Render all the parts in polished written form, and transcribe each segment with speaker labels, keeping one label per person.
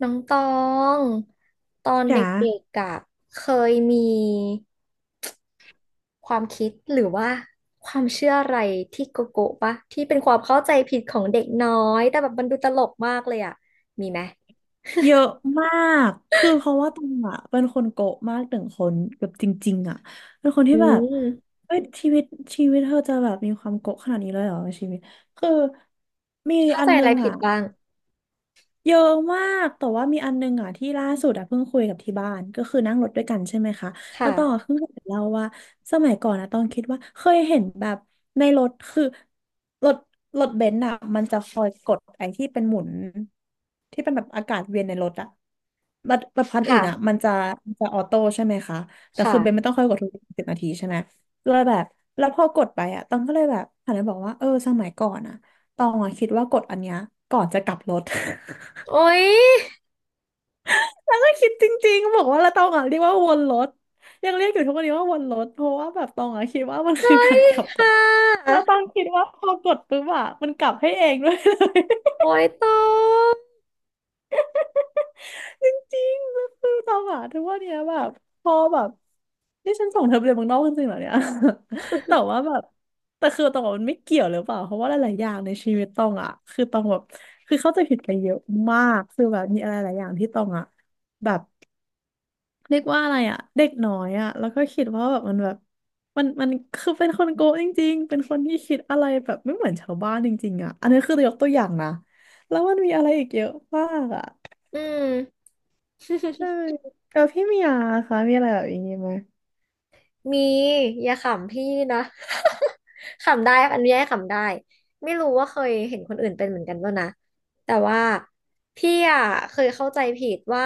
Speaker 1: น้องตองตอนเด
Speaker 2: จ๋า
Speaker 1: ็กๆอะเคยมีความคิดหรือว่าความเชื่ออะไรที่โกโก้ปะที่เป็นความเข้าใจผิดของเด็กน้อยแต่แบบมันดูตลกมากเลยอะมีไหม
Speaker 2: เยอะมากคือเพราะว่าตองอ่ะเป็นคนโกะมากหนึ่งคนแบบจริงๆอ่ะเป็นคน
Speaker 1: อื
Speaker 2: ที่แบบ
Speaker 1: ม
Speaker 2: เฮ้ยชีวิตเธอจะแบบมีความโกะขนาดนี้เลยเหรอชีวิตคือมี
Speaker 1: เข้า
Speaker 2: อั
Speaker 1: ใจ
Speaker 2: น
Speaker 1: อะ
Speaker 2: นึ
Speaker 1: ไร
Speaker 2: ง
Speaker 1: ผิด
Speaker 2: อ่ะ
Speaker 1: บ้าง
Speaker 2: เยอะมากแต่ว่ามีอันนึงอ่ะที่ล่าสุดอ่ะเพิ่งคุยกับที่บ้านก็คือนั่งรถด้วยกันใช่ไหมคะ
Speaker 1: ค
Speaker 2: แล้วตองอะ
Speaker 1: ่ะ
Speaker 2: เพิ่งเห็นเล่าว่าสมัยก่อนอ่ะต้องคิดว่าเคยเห็นแบบในรถคือรถรถเบนซ์อ่ะมันจะคอยกดไอ้ที่เป็นหมุนที่เป็นแบบอากาศเวียนในรถอ่ะรถคันอื่นอ่ะ
Speaker 1: ค่ะ
Speaker 2: มันจะมันจะออโต้ใช่ไหมคะแต่คือเบนซ์ไม่
Speaker 1: ค่ะ
Speaker 2: ต้องคอยกดทุกสิบนาทีใช่ไหมเลยแบบแล้วพอกดไปอ่ะต้องก็เลยแบบหันไปบอกว่าเออสมัยก่อนอ่ะตองอ่ะคิดว่ากดอันเนี้ยก่อนจะกลับรถ
Speaker 1: โอ๊ย
Speaker 2: แล้วก็คิดจริงๆบอกว่าเราตองอ่ะเรียกว่าวนรถยังเรียกอยู่ทุกวันนี้ว่าวนรถเพราะว่าแบบตองอ่ะคิดว่ามัน
Speaker 1: โอ๊
Speaker 2: คือกา
Speaker 1: ย
Speaker 2: รขับรถ
Speaker 1: ค่ะ
Speaker 2: เราตองคิดว่าพอกดปุ๊บอ่ะมันกลับให้เองด้วยเลย
Speaker 1: โอ๊ยตอง
Speaker 2: จริงๆก็คือตองอ่ะทุกวันเนี้ยแบบพอแบบนี่ฉันส่งเธอไปเรียนเมืองนอกจริงๆเหรอเนี่ย แต่ว่าแบบแต่คือตองบอกมันไม่เกี่ยวหรือเปล่าเพราะว่าหลายๆอย่างในชีวิตตองอ่ะคือตองแบบคือเข้าใจผิดไปเยอะมากคือแบบมีอะไรหลายอย่างที่ตองอ่ะแบบ เรียกว่าอะไรอ่ะเด็กน้อยอ่ะแล้วก็คิดว่าแบบมันแบบมันคือเป็นคนโกะจริงๆเป็นคนที่คิดอะไรแบบไม่เหมือนชาวบ้านจริงๆอ่ะอันนี้คือยกตัวอย่างนะแล้วมันมีอะไรอีกเยอะมากอ่ะ
Speaker 1: อืม
Speaker 2: ใช่แล้วพี่เมียคะมีอะไรแบบอย่างนี้ไหม
Speaker 1: มีอย่าขำพี่นะ ขำได้ อันนี้ให้ขำได้ไม่รู้ว่าเคยเห็นคนอื่นเป็นเหมือนกันป่ะนะแต่ว่าพี่อ่ะเคยเข้าใจผิดว่า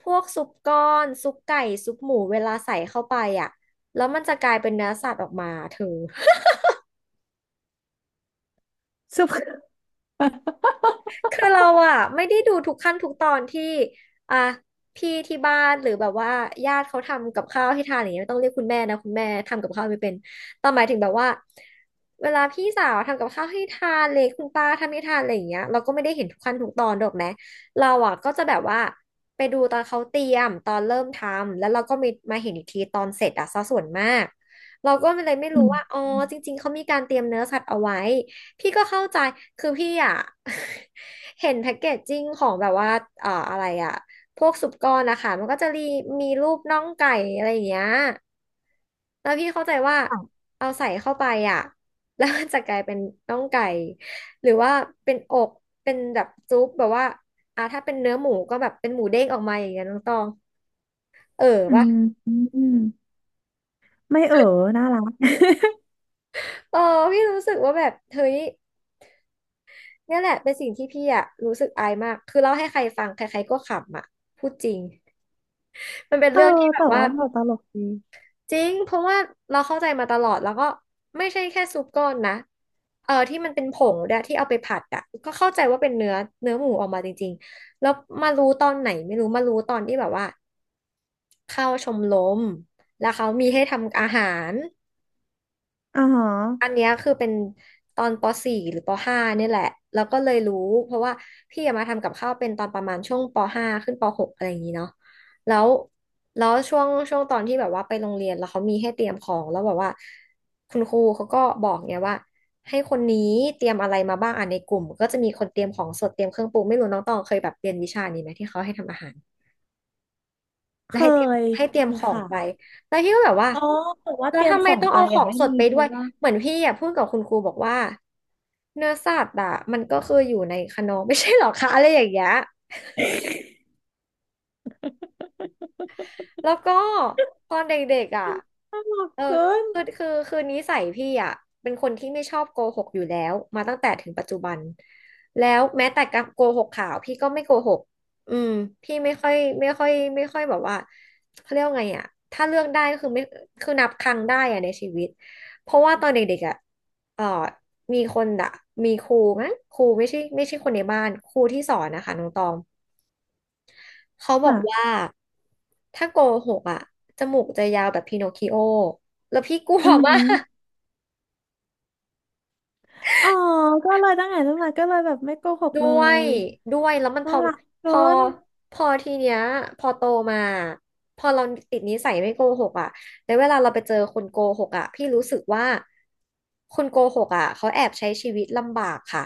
Speaker 1: พวกซุปก้อนซุปไก่ซุปหมูเวลาใส่เข้าไปอ่ะแล้วมันจะกลายเป็นเนื้อสัตว์ออกมาเธอ
Speaker 2: ซุป
Speaker 1: คือเราอะไม่ได้ดูทุกขั้นทุกตอนที่อ่ะพี่ที่บ้านหรือแบบว่าญาติเขาทำกับข้าวให้ทานอย่างเงี้ยไม่ต้องเรียกคุณแม่นะคุณแม่ทำกับข้าวไม่เป็นแต่หมายถึงแบบว่าเวลาพี่สาวทำกับข้าวให้ทานเลยคุณป้าทำให้ทานอะไรอย่างเงี้ยเราก็ไม่ได้เห็นทุกขั้นทุกตอนหรอกนะเราอะก็จะแบบว่าไปดูตอนเขาเตรียมตอนเริ่มทำแล้วเราก็มีมาเห็นอีกทีตอนเสร็จอะซะส่วนมากเราก็เลยไม่
Speaker 2: อื
Speaker 1: รู้
Speaker 2: ม
Speaker 1: ว่าอ๋อจริงๆเขามีการเตรียมเนื้อสัตว์เอาไว้ พี่ก็เข้าใจ คือพี่อ่ะ เห็นแพ็กเกจจิ้งของแบบว่าอะไรอ่ะพวกสุปกรณ์นะคะมันก็จะมีมีรูปน่องไก่อะไรอย่างเงี้ยแล้วพี่เข้าใจว่า
Speaker 2: ค่ะ
Speaker 1: เอาใส่เข้าไปอ่ะ แล้วมันจะกลายเป็นน่องไก่หรือว่าเป็นอกเป็นแบบซุปแบบว่าอ่ะถ้าเป็นเนื้อหมูก็แบบเป็นหมูเด้งออกมาอย่างเงี้ยน้องตองเออ
Speaker 2: อื
Speaker 1: ปะ
Speaker 2: ม อืมไม่น่ารัก
Speaker 1: เออพี่รู้สึกว่าแบบเฮ้ยเนี่ยแหละเป็นสิ่งที่พี่อ่ะรู้สึกอายมากคือเล่าให้ใครฟังใครๆก็ขำอ่ะพูดจริง มันเป็น
Speaker 2: เออ
Speaker 1: เรื่องที่แบบ
Speaker 2: แต่
Speaker 1: ว่า
Speaker 2: ว่าเราตลกดี
Speaker 1: จริงเพราะว่าเราเข้าใจมาตลอดแล้วก็ไม่ใช่แค่ซุปก้อนนะเออที่มันเป็นผงด้วยที่เอาไปผัดอ่ะก็เข้าใจว่าเป็นเนื้อเนื้อหมูออกมาจริงๆแล้วมารู้ตอนไหนไม่รู้มารู้ตอนที่แบบว่าเข้าชมรมแล้วเขามีให้ทำอาหาร
Speaker 2: อ่าฮะ
Speaker 1: อันเนี้ยคือเป็นตอนป .4 หรือป .5 เนี่ยแหละแล้วก็เลยรู้เพราะว่าพี่อะมาทำกับข้าวเป็นตอนประมาณช่วงป .5 ขึ้นป .6 อะไรอย่างนี้เนาะแล้วช่วงตอนที่แบบว่าไปโรงเรียนแล้วเขามีให้เตรียมของแล้วแบบว่าคุณครูเขาก็บอกเนี่ยว่าให้คนนี้เตรียมอะไรมาบ้างอ่ะในกลุ่มก็จะมีคนเตรียมของสดเตรียมเครื่องปรุงไม่รู้น้องตองเคยแบบเรียนวิชานี้ไหมที่เขาให้ทำอาหาร
Speaker 2: เค
Speaker 1: แล้วให้เตรียม
Speaker 2: ย
Speaker 1: ให้เตรียม
Speaker 2: มี
Speaker 1: ของ
Speaker 2: ค่ะ
Speaker 1: ไปแล้วพี่ก็แบบว่า
Speaker 2: อ๋อแต่ว่า
Speaker 1: แล้
Speaker 2: เต
Speaker 1: ว
Speaker 2: รียม
Speaker 1: ทำ
Speaker 2: ข
Speaker 1: ไม
Speaker 2: อง
Speaker 1: ต้อง
Speaker 2: ไป
Speaker 1: เอาข
Speaker 2: อ่ะ
Speaker 1: อง
Speaker 2: ไม่
Speaker 1: สด
Speaker 2: มี
Speaker 1: ไป
Speaker 2: เพ
Speaker 1: ด้ว
Speaker 2: ราะ
Speaker 1: ย
Speaker 2: ว่า
Speaker 1: เหมือนพี่อ่ะพูดกับคุณครูบอกว่าเนื้อสัตว์อ่ะมันก็คืออยู่ในคานอ ไม่ใช่หรอคะอะไรอย่างเงี้ย แล้วก็ตอนเด็กๆอ่ะ
Speaker 2: น่ารัก
Speaker 1: เออ
Speaker 2: เกิน
Speaker 1: คือนิสัยพี่อ่ะเป็นคนที่ไม่ชอบโกหกอยู่แล้วมาตั้งแต่ถึงปัจจุบันแล้วแม้แต่การโกหกข่าวพี่ก็ไม่โกหกอืมพี่ไม่ค่อยแบบว่าเขาเรียกว่าไงอ่ะถ้าเลือกได้ก็คือไม่คือนับครั้งได้อ่ะในชีวิตเพราะว่าตอนเด็กๆอ่ะเออมีคนอ่ะมีครูมั้งครูไม่ใช่คนในบ้านครูที่สอนนะคะน้องตอง เขาบอกว่า
Speaker 2: ค่ะ
Speaker 1: ถ้าโกหกอ่ะจมูกจะยาวแบบพินอคคิโอแล้วพี่กลัว
Speaker 2: อือ
Speaker 1: มา
Speaker 2: หื
Speaker 1: ก
Speaker 2: ออ๋อก็เลยตั้งแต่ก็เลยแบบไม่โกหก
Speaker 1: ด้
Speaker 2: เล
Speaker 1: วย
Speaker 2: ย
Speaker 1: ด้วยแล้วมัน
Speaker 2: น่ารัก
Speaker 1: พ
Speaker 2: เกิ
Speaker 1: อ
Speaker 2: น
Speaker 1: พอทีเนี้ยพอโตมาพอเราติดนิสัยไม่โกหกอ่ะแล้วเวลาเราไปเจอคนโกหกอ่ะพี่รู้สึกว่าคนโกหกอ่ะเขาแอบใช้ชีวิตลำบากค่ะ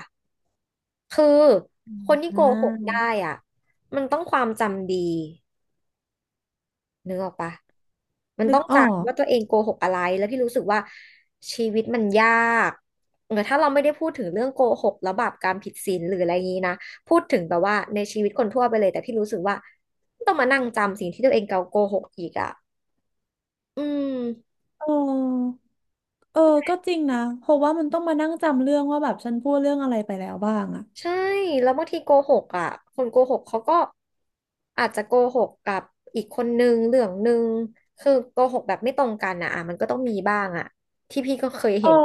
Speaker 1: คือคนที่
Speaker 2: อ่
Speaker 1: โกหก
Speaker 2: า
Speaker 1: ได้อ่ะมันต้องความจำดี นึกออกปะมัน
Speaker 2: นึ
Speaker 1: ต้
Speaker 2: ก
Speaker 1: อง
Speaker 2: ออ
Speaker 1: จำ
Speaker 2: ก
Speaker 1: ว่าตัวเองโกหกอะไรแล้วพี่รู้สึกว่าชีวิตมันยากเออถ้าเราไม่ได้พูดถึงเรื่องโกหกแล้วบาปกรรมผิดศีลหรืออะไรอย่างนี้นะพูดถึงแบบว่าในชีวิตคนทั่วไปเลยแต่พี่รู้สึกว่าต้องมานั่งจำสิ่งที่ตัวเองเกาโกหกอีกอ่ะอืม
Speaker 2: เออเออก็จริงนะเพราะว่ามันต้องมานั่งจำเรื่องว่าแบบฉันพูดเรื่องอะไรไปแล้วบ้างอะ
Speaker 1: ใช่แล้วบางทีโกหกอ่ะคนโกหกเขาก็อาจจะโกหกกับอีกคนนึงเรื่องนึงคือโกหกแบบไม่ตรงกันอ่ะอ่ะมันก็ต้องมีบ้างอ่ะที่พี่ก็เคย
Speaker 2: เออ
Speaker 1: เห็น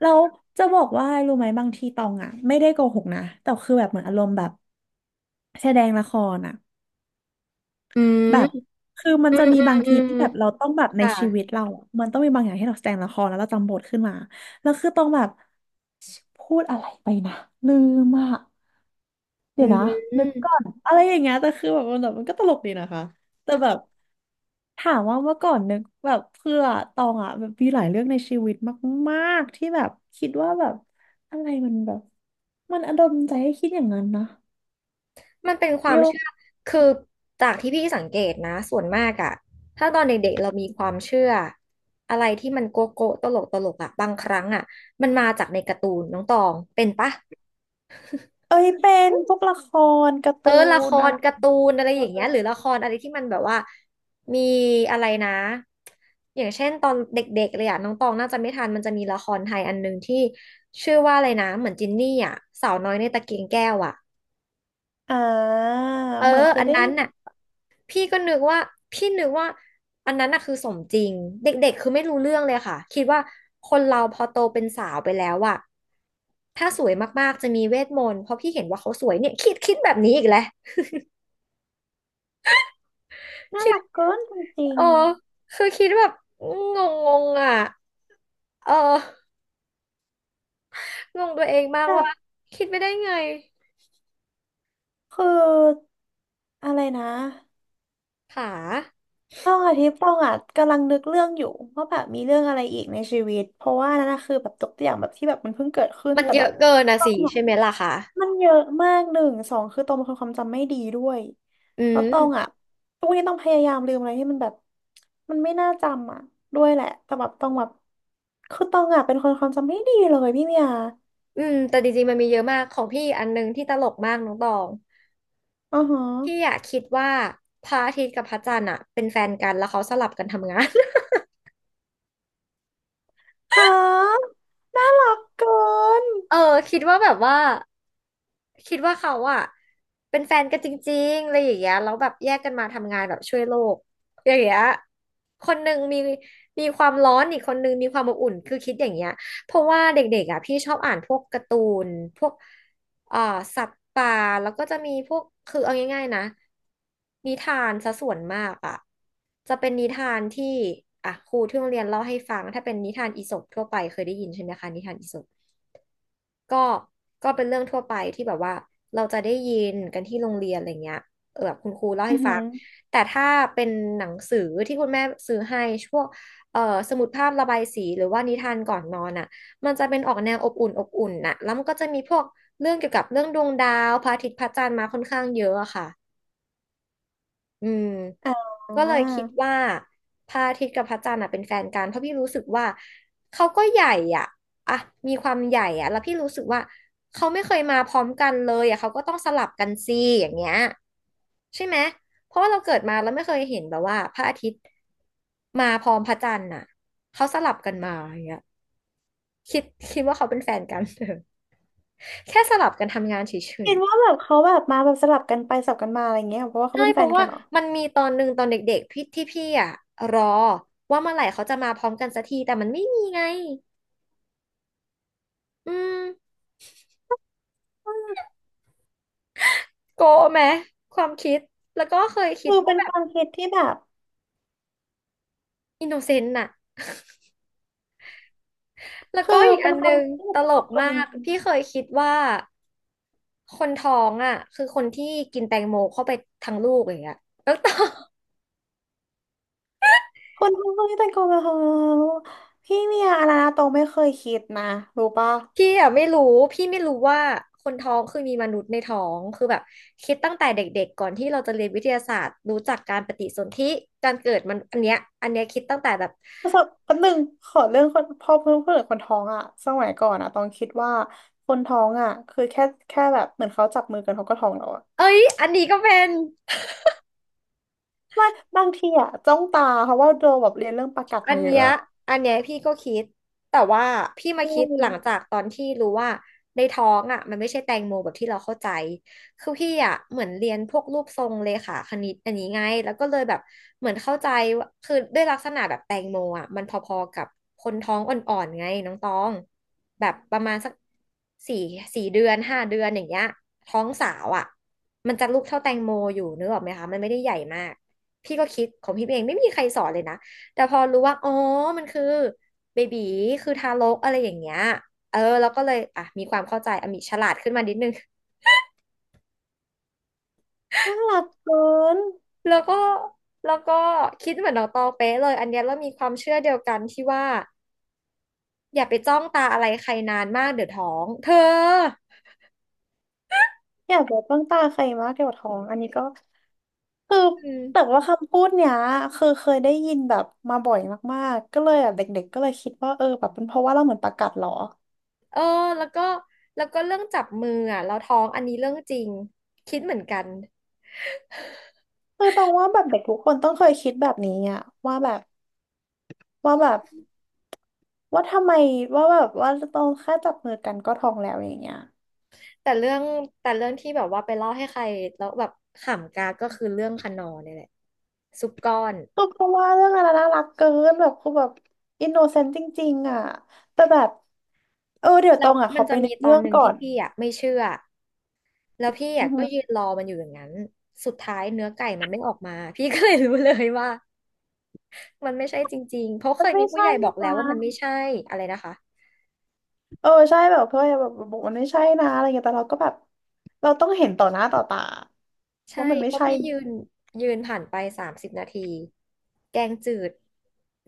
Speaker 2: แล้วจะบอกว่ารู้ไหมบางทีตองอะไม่ได้โกหกนะแต่คือแบบเหมือนอารมณ์แบบแสดงละครอะ
Speaker 1: อืม
Speaker 2: แบบคือมัน
Speaker 1: อื
Speaker 2: จะ
Speaker 1: ม
Speaker 2: มี
Speaker 1: อืม
Speaker 2: บาง
Speaker 1: อื
Speaker 2: ที
Speaker 1: ม
Speaker 2: ที่แบบเราต้องแบบใน
Speaker 1: ค่ะ
Speaker 2: ชีวิตเราอะมันต้องมีบางอย่างที่เราแสดงละครแล้วเราจำบทขึ้นมา แล้วคือต้องแบบพูดอะไรไปนะลืมอาะ
Speaker 1: อื
Speaker 2: เดี๋ยวนะนึกก่อ
Speaker 1: ม
Speaker 2: นอะไรอย่างเงี้ยแต่คือแบบมันแบบมันก็ตลกดีนะคะ แต่แบบถามว่าเมื่อก่อนนึกแบบเพื่อตองอ่ะแบบมีหลายเรื่องในชีวิตมากๆที่แบบคิดว่าแบบอะไรมันแบบมันอดลใจให้คิดอย่างนั้นนะ
Speaker 1: มันเป็นควา
Speaker 2: โย
Speaker 1: มเชื่อคือจากที่พี่สังเกตนะส่วนมากอะถ้าตอนเด็กๆเรามีความเชื่ออะไรที่มันโกโก้ตลกตลกอะบางครั้งอะมันมาจากในการ์ตูนน้องตองเป็นปะ
Speaker 2: เอ้ยเป็นพวกละครการ์
Speaker 1: เอ
Speaker 2: ตู
Speaker 1: อละค
Speaker 2: นอะ
Speaker 1: ร
Speaker 2: ไร
Speaker 1: การ์ตูนอะไรอย่างเงี้ยหรือละครอะไรที่มันแบบว่ามีอะไรนะอย่างเช่นตอนเด็กๆเลยอะน้องตองน่าจะไม่ทันมันจะมีละครไทยอันหนึ่งที่ชื่อว่าอะไรนะเหมือนจินนี่อะสาวน้อยในตะเกียงแก้วอะ
Speaker 2: อ่า
Speaker 1: เออ
Speaker 2: เหมือนเคย
Speaker 1: อัน
Speaker 2: ได้
Speaker 1: นั้
Speaker 2: ยิ
Speaker 1: น
Speaker 2: น
Speaker 1: น่ะพี่ก็นึกว่าพี่นึกว่าอันนั้นน่ะคือสมจริงเด็กๆคือไม่รู้เรื่องเลยค่ะคิดว่าคนเราพอโตเป็นสาวไปแล้วอะถ้าสวยมากๆจะมีเวทมนต์เพราะพี่เห็นว่าเขาสวยเนี่ยคิดแบบนี้อีกแล้ว
Speaker 2: น่ารักเกินจริ
Speaker 1: เอ
Speaker 2: ง
Speaker 1: อคือคิดแบบงงๆอ่ะเอองงตัวเองมา
Speaker 2: ๆ
Speaker 1: ก
Speaker 2: แบ
Speaker 1: ว่า
Speaker 2: บ
Speaker 1: คิดไปได้ไง
Speaker 2: คืออะไรนะ
Speaker 1: ค่ะ
Speaker 2: ต้องอาทิตย์ต้องอ่ะกำลังนึกเรื่องอยู่ว่าแบบมีเรื่องอะไรอีกในชีวิตเพราะว่านั่นนะคือแบบยกตัวอย่างแบบที่แบบมันเพิ่งเกิดขึ้น
Speaker 1: มัน
Speaker 2: แต่
Speaker 1: เย
Speaker 2: แบ
Speaker 1: อะ
Speaker 2: บ
Speaker 1: เกินนะ
Speaker 2: ต้อ
Speaker 1: สิ
Speaker 2: งอ่ะ
Speaker 1: ใช่ไหมล่ะคะ
Speaker 2: มันเยอะมากหนึ่งสองคือตองเป็นคนความจำไม่ดีด้วย
Speaker 1: อื
Speaker 2: แล้วตองอ่ะ
Speaker 1: ม
Speaker 2: ทุกวันนี้ต้องพยายามลืมอะไรที่มันแบบมันไม่น่าจำอ่ะด้วยแหละแต่แบบต้องแบบคือตองอ่ะเป็นคนความจำไม่ดีเลยพี่เมีย
Speaker 1: อืมแต่จริงๆมันมีเยอะมากของพี่อันนึงที่ตลกมากน้องตอง
Speaker 2: อือฮะ
Speaker 1: พี่อะคิดว่าพระอาทิตย์กับพระจันทร์อะเป็นแฟนกันแล้วเขาสลับกันทำงาน
Speaker 2: ฮะน่ารักเกิน
Speaker 1: เออคิดว่าแบบว่า คิดว่าเขาอะเป็นแฟนกันจริงๆอะไรอย่างเงี้ยแล้วแบบแยกกันมาทำงานแบบช่วยโลกอย่างเงี้ยคนหนึ่งมีความร้อนอีกคนหนึ่งมีความอบอุ่นคือคิดอย่างเงี้ยเพราะว่าเด็กๆอะพี่ชอบอ่านพวกการ์ตูนพวกเอ่อสัตว์ป่าแล้วก็จะมีพวกคือเอาง่ายๆนะนิทานซะส่วนมากอะจะเป็นนิทานที่อ่ะครูที่โรงเรียนเล่าให้ฟังถ้าเป็นนิทานอีสปทั่วไปเคยได้ยินใช่ไหมคะนิทานอีสป ก็ก็เป็นเรื่องทั่วไปที่แบบว่าเราจะได้ยินกันที่โรงเรียนอะไรเงี้ยเออแบบคุณครูเล่า
Speaker 2: อื
Speaker 1: ให้
Speaker 2: อหื
Speaker 1: ฟัง
Speaker 2: อ
Speaker 1: แต่ถ้าเป็นหนังสือที่คุณแม่ซื้อให้พวกเอ่อสมุดภาพระบายสีหรือว่านิทานก่อนนอนอ่ะมันจะเป็นออกแนวอบอุ่นอบอุ่นน่ะแล้วมันก็จะมีพวกเรื่องเกี่ยวกับเรื่องดวงดาวพระอาทิตย์พระจันทร์มาค่อนข้างเยอะอะค่ะ อืม
Speaker 2: อ่า
Speaker 1: ก็เลยคิดว่าพระอาทิตย์กับพระจันทร์อ่ะเป็นแฟนกันเพราะพี่รู้สึกว่าเขาก็ใหญ่อ่ะอ่ะมีความใหญ่อ่ะแล้วพี่รู้สึกว่าเขาไม่เคยมาพร้อมกันเลยอ่ะเขาก็ต้องสลับกันสิอย่างเงี้ยใช่ไหมเพราะว่าเราเกิดมาแล้วไม่เคยเห็นแบบว่าพระอาทิตย์มาพร้อมพระจันทร์น่ะเขาสลับกันมาอย่างเงี้ยคิดคิดว่าเขาเป็นแฟนกัน แค่สลับกันทำงานเฉย
Speaker 2: คิดว่าแบบเขาแบบมาแบบสลับกันไปสลับกันมาอะไรเงี้ยเพราะว่าเขา
Speaker 1: ใช่
Speaker 2: เป็น
Speaker 1: เพ
Speaker 2: แฟ
Speaker 1: ราะ
Speaker 2: นกั
Speaker 1: ว่า
Speaker 2: นเหรอ
Speaker 1: มันมีตอนหนึ่งตอนเด็กๆพี่ที่พี่อ่ะรอว่าเมื่อไหร่เขาจะมาพร้อมกันสักทีแต่มันไม่มีไงอืมโกะไหมความคิดแล้วก็เคยคิด
Speaker 2: คือเป็
Speaker 1: ว่า
Speaker 2: น
Speaker 1: แบ
Speaker 2: ค
Speaker 1: บ
Speaker 2: วามคิดที่แบบ
Speaker 1: อินโนเซนต์น่ะแล้ว
Speaker 2: คื
Speaker 1: ก็
Speaker 2: อ
Speaker 1: อีก
Speaker 2: เป็
Speaker 1: อั
Speaker 2: น
Speaker 1: น
Speaker 2: ค
Speaker 1: หนึ
Speaker 2: วาม
Speaker 1: ง
Speaker 2: คิดที่
Speaker 1: ต
Speaker 2: แบบ
Speaker 1: ล
Speaker 2: น่ารั
Speaker 1: ก
Speaker 2: กเกิน
Speaker 1: มา
Speaker 2: จ
Speaker 1: ก
Speaker 2: ริง
Speaker 1: พี่เคยคิดว่าคนท้องอ่ะคือคนที่กินแตงโมเข้าไปทั้งลูกอย่างเงี้ยแล้วตอน
Speaker 2: ๆคนทั้งคนที่แต่งตัวแบบเฮพี่เมียอาราโตไม่เคยคิดนะรู้ปะ
Speaker 1: พี่อะไม่รู้พี่ไม่รู้ว่าคนท้องคือมีมนุษย์ในท้องคือแบบคิดตั้งแต่เด็กๆก่อนที่เราจะเรียนวิทยาศาสตร์รู้จักการปฏิสนธิการเกิดมันอันเนี้ยอันเนี้ยคิดตั้งแต่แบบ
Speaker 2: ปรกสบคนหนึ่งขอเรื่องคนพอเพื่อนเพื่อนคนท้องอะสมัยก่อนอะตองคิดว่าคนท้องอะคือแค่แบบเหมือนเขาจับมือกันเขาก็ท้องแล้วอะ
Speaker 1: เอ้ยอันนี้ก็เป็น
Speaker 2: ไม่บางทีอะจ้องตาเพราะว่าโดแบบเรียนเรื่องประกัด
Speaker 1: อั
Speaker 2: มา
Speaker 1: น
Speaker 2: เย
Speaker 1: เนี้
Speaker 2: อะ
Speaker 1: ย
Speaker 2: อะ
Speaker 1: อันเนี้ยพี่ก็คิดแต่ว่าพี่
Speaker 2: ใช
Speaker 1: มาคิดหลังจา
Speaker 2: ่
Speaker 1: กตอนที่รู้ว่าในท้องอ่ะมันไม่ใช่แตงโมแบบที่เราเข้าใจคือพี่อ่ะเหมือนเรียนพวกรูปทรงเลขาคณิตอันนี้ไงแล้วก็เลยแบบเหมือนเข้าใจว่าคือด้วยลักษณะแบบแตงโมอ่ะมันพอๆกับคนท้องอ่อนๆไงน้องตองแบบประมาณสักสี่สี่เดือน5 เดือนอย่างเงี้ยท้องสาวอ่ะมันจะลูกเท่าแตงโมอยู่นึกออกไหมคะมันไม่ได้ใหญ่มากพี่ก็คิดของพี่เองไม่มีใครสอนเลยนะ แต่พอรู้ว่าอ๋อมันคือเบบีคือทารกอะไรอย่างเงี้ยเออแล้วก็เลยอ่ะมีความเข้าใจอ่ะมีฉลาดขึ้นมานิดนึง
Speaker 2: น่ารักเกิน
Speaker 1: แล้วก็แล้วก็คิดเหมือนน้องตองเป๊ะเลยอันเนี้ยเรามีความเชื่อเดียวกันที่ว่าอย่าไปจ้องตาอะไรใครนานมากเดี๋ยวท้องเธอ
Speaker 2: อยากแบบจ้องตาใครมากเกี่ยวกับท้องอันนี้ก็คือ
Speaker 1: อืม
Speaker 2: แต่ว่าคำพูดเนี้ยคือเคยได้ยินแบบมาบ่อยมากๆก็เลยแบบเด็กๆก็เลยคิดว่าเออแบบเป็นเพราะว่าเราเหมือนประกัดเหรอ
Speaker 1: เออแล้วก็แล้วก็เรื่องจับมืออ่ะเราท้องอันนี้เรื่องจริงคิดเหมือนกัน
Speaker 2: คือตองว่าแบบเด็กทุกคนต้องเคยคิดแบบนี้อะว่าแบบว่าแบบว่าทำไมว่าแบบว่าต้องแค่จับมือกันก็ท้องแล้วอย่างเงี้ย
Speaker 1: แต่เรื่องแต่เรื่องที่แบบว่าไปเล่าให้ใครแล้วแบบขำกากก็คือเรื่องคนนอเนี่ยแหละซุปก้อน
Speaker 2: คือเพราะว่าเรื่องอะไรน่ารักเกินแบบคือแบบอินโนเซนต์จริงๆอ่ะแต่แบบเออเดี๋ยวต
Speaker 1: แล้
Speaker 2: อ
Speaker 1: ว
Speaker 2: งอ่ะข
Speaker 1: มั
Speaker 2: อ
Speaker 1: น
Speaker 2: ไป
Speaker 1: จะ
Speaker 2: ใน
Speaker 1: มี
Speaker 2: ก
Speaker 1: ตอ
Speaker 2: เรื่
Speaker 1: น
Speaker 2: อง
Speaker 1: หนึ่ง
Speaker 2: ก่อ
Speaker 1: ที่
Speaker 2: น
Speaker 1: พี่อ่ะไม่เชื่อแล้วพี่
Speaker 2: อื
Speaker 1: อ่ะ
Speaker 2: อหื
Speaker 1: ก็
Speaker 2: อ
Speaker 1: ยืนรอมันอยู่อย่างนั้นสุดท้ายเนื้อไก่มันไม่ออกมา พี่ก็เลยรู้เลยว่ามันไม่ใช่จริงๆเพราะ
Speaker 2: มั
Speaker 1: เค
Speaker 2: น
Speaker 1: ย
Speaker 2: ไม่
Speaker 1: มีผู้
Speaker 2: ใช่
Speaker 1: ใหญ่บอกแล้วว่ามัน
Speaker 2: นะ
Speaker 1: ไม่ใช่อะไรนะคะ
Speaker 2: เออใช่แบบเพื่อนแบบบอกมันไม่ใช่นะอะไรเงี้ยแต่เราก็แบบเราต้องเห็นต่อหน้าต่อตา
Speaker 1: ใช่
Speaker 2: ว่ามันไม่
Speaker 1: เพราะ
Speaker 2: ใช่
Speaker 1: พี่ยืนผ่านไป30 นาทีแกงจืด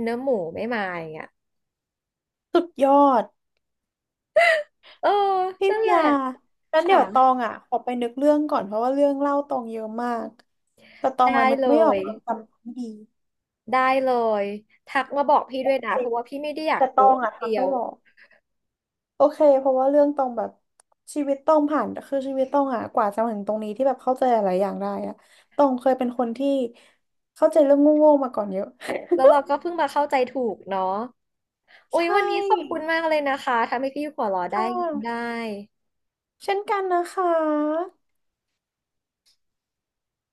Speaker 1: เนื้อหมูไม่มาอย่างเงี้ย
Speaker 2: สุดยอด
Speaker 1: เออ
Speaker 2: พี่
Speaker 1: นั่นแห
Speaker 2: เมีย
Speaker 1: ละ
Speaker 2: งั้น
Speaker 1: ค่ะ
Speaker 2: เดี๋ยวตองอ่ะขอไปนึกเรื่องก่อนเพราะว่าเรื่องเล่าตองเยอะมากแต่ตอง
Speaker 1: ได้
Speaker 2: อ่ะนึก
Speaker 1: เล
Speaker 2: ไม่ออก
Speaker 1: ย
Speaker 2: ตองจำไม่ดี
Speaker 1: ได้เลยทักมาบอกพี่ด้วยนะเพราะว่าพี่ไม่ได้อยาก
Speaker 2: แต่ตอ
Speaker 1: โกะ
Speaker 2: งอ่ะทั
Speaker 1: เดี
Speaker 2: ก
Speaker 1: ย
Speaker 2: ไม่
Speaker 1: ว
Speaker 2: บอก โอเค เพราะว่าเรื่องต้องแบบชีวิตต้องผ่าน คือชีวิตต้องอะกว่าจะมาถึงตรงนี้ที่แบบเข้าใจหลายอย่างได้อะต้องเคยเป็นคนที่เข้าใจเรื่องโง่ๆมาก่อนเยอะ
Speaker 1: แล้วเราก็เพิ่งมาเข้าใจถูกเนาะโอ้
Speaker 2: ใช
Speaker 1: ยวันนี้ขอบคุณ
Speaker 2: ่
Speaker 1: มากเลยนะคะ ทำให้พี่หัวเราะได้
Speaker 2: ค่
Speaker 1: ยิ้มได้
Speaker 2: ะเช่นกันนะคะ